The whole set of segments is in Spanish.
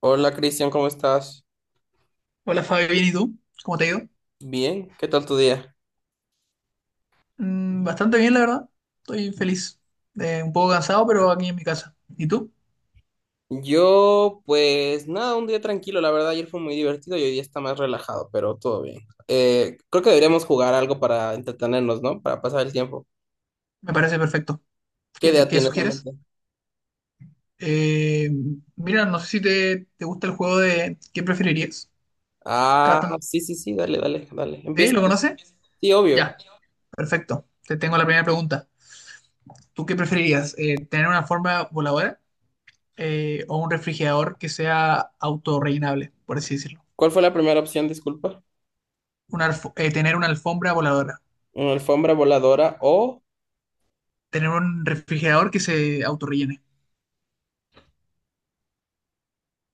Hola Cristian, ¿cómo estás? Hola Fabi, bien, ¿y tú? ¿Cómo te ha ido? Bien, ¿qué tal tu día? Bastante bien, la verdad. Estoy feliz. Un poco cansado, pero aquí en mi casa. ¿Y tú? Yo, pues nada, un día tranquilo, la verdad ayer fue muy divertido y hoy día está más relajado, pero todo bien. Creo que deberíamos jugar algo para entretenernos, ¿no? Para pasar el tiempo. Me parece perfecto. ¿Qué ¿ idea qué tienes en sugieres? mente? Eh, mira, no sé si te gusta el juego de ¿qué preferirías? Está Ah, bastante- sí, sí, sí, dale, dale, dale. ¿Sí? Empieza ¿Lo tú. conoces? Sí, obvio. Ya, perfecto. Te tengo la primera pregunta. ¿Tú qué preferirías? ¿Tener una forma voladora o un refrigerador que sea autorrellenable, por así decirlo? ¿Cuál fue la primera opción, disculpa? Tener una alfombra voladora. ¿Una alfombra voladora o... Tener un refrigerador que se autorrellene.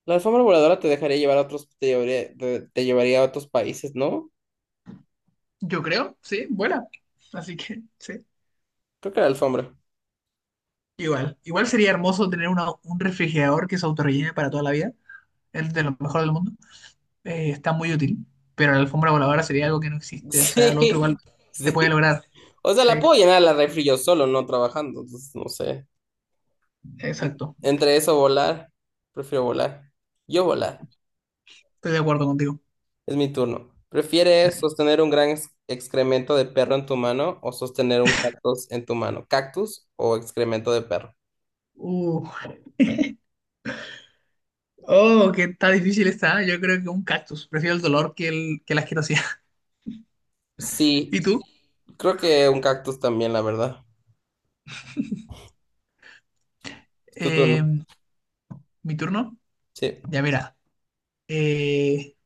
La alfombra voladora te dejaría llevar a otros, te llevaría, te llevaría a otros países, ¿no? Yo creo, sí, vuela. Así que, sí. Creo que la alfombra. Igual. Igual sería hermoso tener una- un refrigerador que se autorrellene para toda la vida. Es de lo mejor del mundo. Está muy útil. Pero la alfombra voladora sería algo que no existe. O sea, lo otro Sí, igual se sí. puede lograr. O sea, la Sí, puedo llenar a la refri yo solo, no trabajando. Entonces, no sé. exacto. Entre eso, volar. Prefiero volar. Yo volar. Estoy de acuerdo contigo. Es mi turno. ¿Prefieres sostener un gran excremento de perro en tu mano o sostener un cactus en tu mano? ¿Cactus o excremento de perro? Uh, oh, que está difícil está. Yo creo que un cactus. Prefiero el dolor que la asquerosidad. Sí, ¿Y tú? creo que un cactus también, la verdad. Es tu turno. Eh, ¿Mi turno? Sí. Ya, mira. Eh,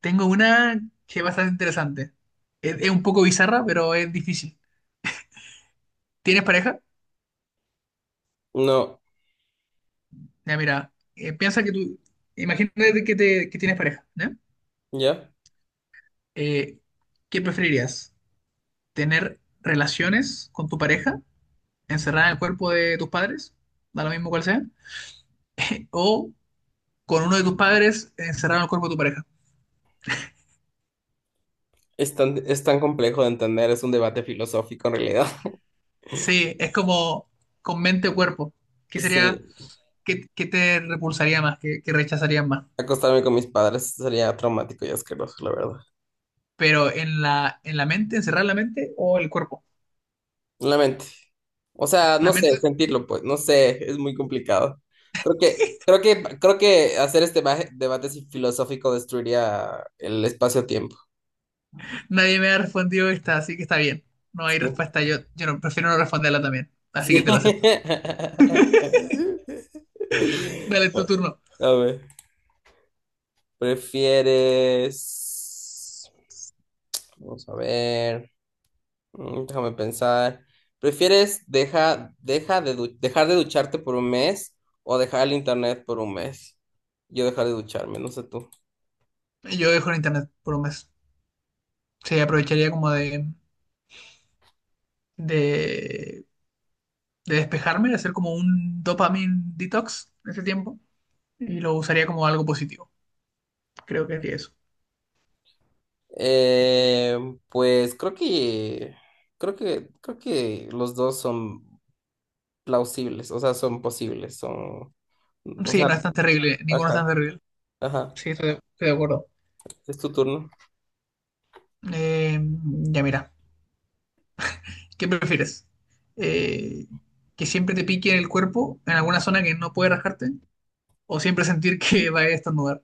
Tengo una que es bastante interesante. Es un poco bizarra, pero es difícil. ¿Tienes pareja? No, Ya, mira, piensa que tú, imagínate que tienes pareja, ¿ya? ya. Eh, ¿Qué preferirías? ¿Tener relaciones con tu pareja encerrada en el cuerpo de tus padres? Da lo mismo cual sea. ¿O con uno de tus padres encerrado en el cuerpo de tu pareja? Es tan complejo de entender, es un debate filosófico en realidad. Sí, es como con mente o cuerpo. ¿Qué sería, Sí, ¿qué, qué te repulsaría más? ¿Qué, qué rechazarías más? acostarme con mis padres sería traumático y asqueroso, la verdad. Pero en la mente, encerrar la mente o el cuerpo. En la mente. O sea, La no sé, mente, sentirlo, pues, no sé, es muy complicado. Creo que, creo que, creo que hacer este debate filosófico destruiría el espacio-tiempo. nadie me ha respondido esta, así que está bien. No hay Sí. respuesta, yo no, prefiero no responderla también, así que Sí. te la acepto. Dale tu turno. A ver, ¿prefieres? Vamos a ver. Déjame pensar. ¿Prefieres dejar de ducharte por un mes o dejar el internet por un mes? Yo dejar de ducharme, no sé tú. Yo dejo el internet por un mes. Sí, aprovecharía como de, de despejarme, de hacer como un dopamine detox en ese tiempo y lo usaría como algo positivo. Creo que haría eso. Eh, pues creo que los dos son plausibles, o sea, son posibles, son, o Sí, sea, no es tan terrible, ninguno es ajá, tan terrible. ajá. Sí, estoy de acuerdo. Es tu turno. Eh, ya mira. ¿Qué prefieres? Eh, ¿Que siempre te pique en el cuerpo, en alguna zona que no puede rajarte, o siempre sentir que va a estornudar?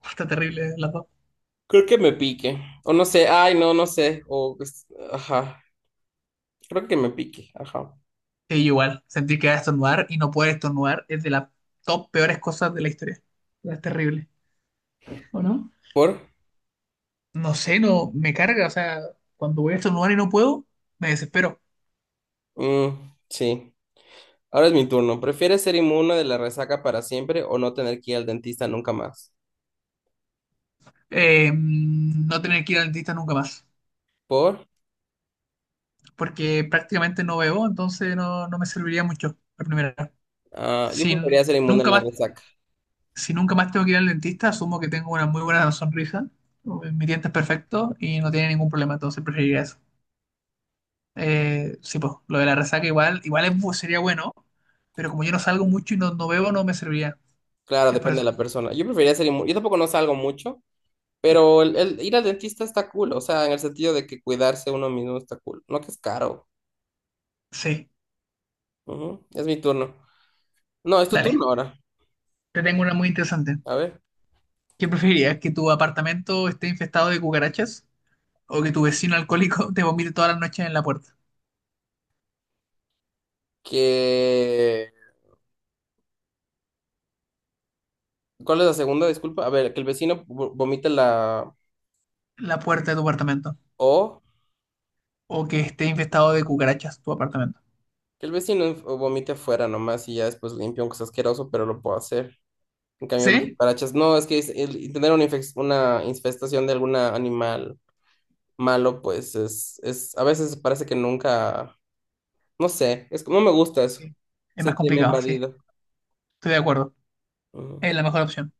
Está terrible las dos. Creo que me pique. O no sé, ay, no, no sé. Ajá. Creo que me pique, ajá. Sí, igual, sentir que va a estornudar y no poder estornudar es de las top peores cosas de la historia. Es terrible. ¿O no? ¿Por? Me carga, o sea, cuando voy a estornudar y no puedo, me desespero. Mm, sí. Ahora es mi turno. ¿Prefieres ser inmune de la resaca para siempre o no tener que ir al dentista nunca más? No tener que ir al dentista nunca más, ¿Por? porque prácticamente no veo, entonces no me serviría mucho la primera. Ah, yo Sin preferiría ser inmune de nunca la más resaca. si nunca más tengo que ir al dentista, asumo que tengo una muy buena sonrisa, mi diente es perfecto y no tiene ningún problema, entonces preferiría eso. Sí, pues, lo de la resaca igual, sería bueno, pero como yo no salgo mucho y no bebo, no me serviría. Claro, Es por depende de eso. la persona. Yo preferiría ser inmune. Yo tampoco no salgo mucho, pero el ir al dentista está cool. O sea, en el sentido de que cuidarse uno mismo está cool. No que es caro. Sí, Ujú. Es mi turno. No, es tu dale. turno ahora. Te tengo una muy interesante. A ver. ¿Qué preferirías? ¿Que tu apartamento esté infestado de cucarachas? ¿O que tu vecino alcohólico te vomite todas las noches en la puerta? Que... ¿Cuál es la segunda? Disculpa. A ver, que el vecino vomite la... La puerta de tu apartamento. O... ¿O que esté infestado de cucarachas tu apartamento? Que el vecino vomite afuera nomás y ya después limpia, aunque sea asqueroso, pero lo puedo hacer. En cambio, las ¿Sí? cucarachas, no, es que el tener una infestación de algún animal malo, pues es, a veces parece que nunca, no sé, es, que no me gusta eso. Sí. Es Se más tiene complicado, sí. invadido. Estoy de acuerdo. Ujú, Es la mejor opción.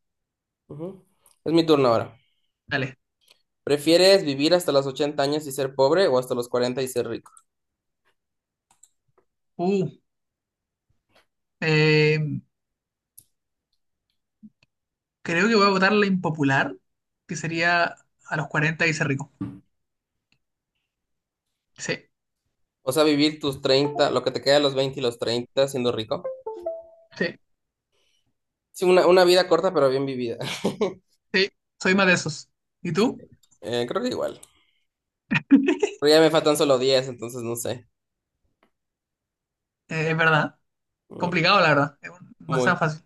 ujú. Es mi turno ahora. Dale. ¿Prefieres vivir hasta los 80 años y ser pobre o hasta los 40 y ser rico? Uh, eh, creo que voy a votar la impopular, que sería a los 40 y ser rico. Sí, O sea, vivir tus 30 lo que te queda de los 20 y los 30 siendo rico. sí, Sí, una vida corta pero bien vivida. sí. Soy más de esos. ¿Y tú? Creo que igual. Pero ya me faltan solo 10 entonces no sé. Es verdad. Mm, Complicado, la verdad. Es no es tan Muy. fácil.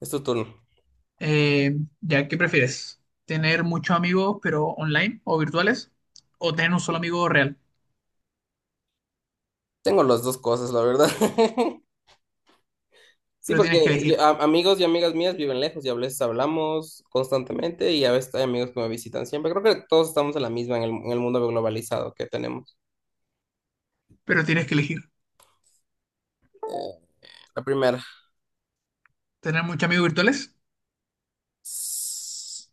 Es tu turno. Ya, ¿qué prefieres? ¿Tener muchos amigos, pero online o virtuales? ¿O tener un solo amigo real? Tengo las dos cosas, la verdad. Sí, Pero porque tienes que elegir. Amigos y amigas mías viven lejos y a veces hablamos constantemente y a veces hay amigos que me visitan siempre. Creo que todos estamos en la misma en el, mundo globalizado que tenemos. Pero tienes que elegir. Eh, la primera. ¿Tener muchos amigos virtuales? S-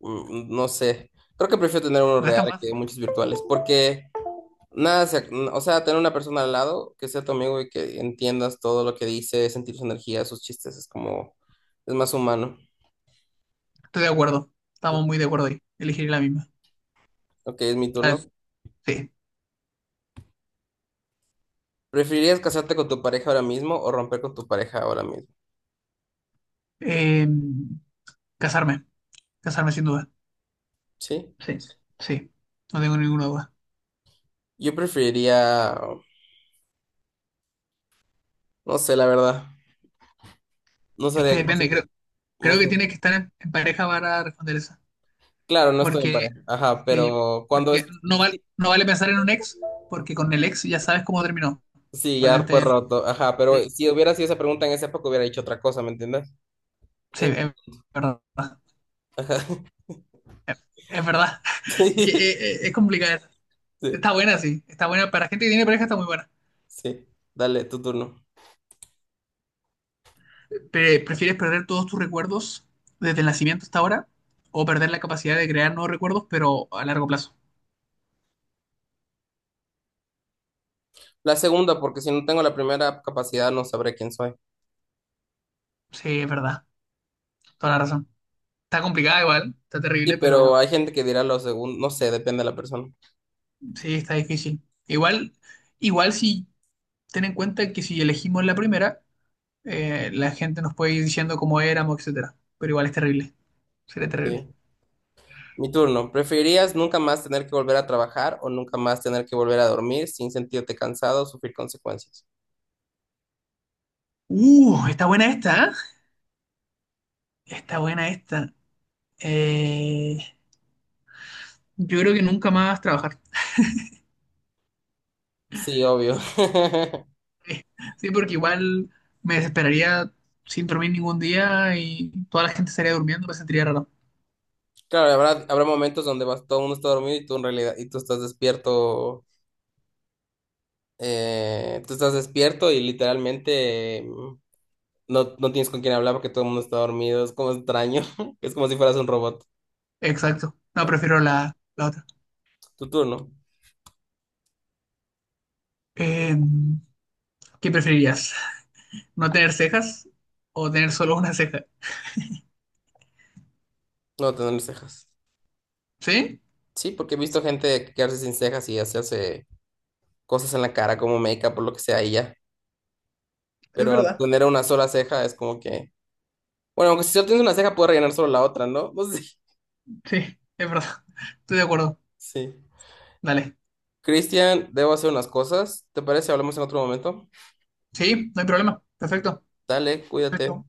No sé. Creo que prefiero tener uno No es real tan que fácil. muchos virtuales porque nada, se o sea, tener una persona al lado que sea tu amigo y que entiendas todo lo que dice, sentir su energía, sus chistes, es como, es más humano. Estoy de acuerdo. Estamos muy de acuerdo ahí. Elegir la misma. Ok, es mi Dale. turno. Sí. ¿Preferirías casarte con tu pareja ahora mismo o romper con tu pareja ahora mismo? Eh, casarme, casarme sin duda. ¿Sí? Sí. Sí, no tengo ninguna duda. Yo preferiría, no sé, la verdad. No Es que sabría, no sé, depende, qué- creo, no creo sé. que tienes que estar en pareja para responder esa. Claro, no estoy en Porque, pareja. Ajá, sí, pero cuando es... porque no, val- Sí, no vale pensar en un ex, porque con el ex ya sabes cómo terminó. sí, ya fue Obviamente, roto. Ajá, pero sí, si hubiera sido esa pregunta en esa época hubiera dicho otra cosa, ¿me entiendes? sí, Eh, es verdad. Ajá. Es verdad. Sí, es complicada esa. sí, Está buena, sí. Está buena. Para gente que tiene pareja está muy buena. sí. Dale, tu turno. Pe- ¿Prefieres perder todos tus recuerdos desde el nacimiento hasta ahora? ¿O perder la capacidad de crear nuevos recuerdos, pero a largo plazo? La segunda, porque si no tengo la primera capacidad no sabré quién soy. Sí, es verdad. Toda Mm. la razón. Está complicada igual, está Sí, terrible, pero pero hay gente que dirá lo segundo, no sé, depende de la persona. sí, está difícil. Igual, igual si ten en cuenta que si elegimos la primera, la gente nos puede ir diciendo cómo éramos, etcétera. Pero igual es terrible. Sería terrible. Sí. Mi turno. ¿Preferirías nunca más tener que volver a trabajar o nunca más tener que volver a dormir sin sentirte cansado o sufrir consecuencias? Está buena esta, ¿eh? Está buena esta. Eh, yo creo que nunca más trabajar. Sí, obvio. Sí, porque igual me desesperaría sin dormir ningún día y toda la gente estaría durmiendo, me sentiría raro. Claro, habrá momentos donde vas, todo el mundo está dormido y tú en realidad, y tú estás despierto y literalmente no tienes con quién hablar porque todo el mundo está dormido. Es como extraño. Es como si fueras un robot. Exacto. No, Ajá. prefiero la otra. Tu turno. Eh, ¿Qué preferirías? ¿No tener cejas o tener solo una ceja? No tener cejas. ¿Sí? Sí, porque he visto gente quedarse sin cejas y hacerse cosas en la cara como make-up o lo que sea y ya. Es Pero verdad. tener una sola ceja es como que. Bueno, aunque si solo tienes una ceja, puedes rellenar solo la otra, ¿no? Pues sí. Sí, es verdad. Estoy de acuerdo. Sí. Dale. Cristian, debo hacer unas cosas. ¿Te parece? Hablamos en otro momento. Sí, no hay problema. Perfecto. Dale, cuídate. Perfecto.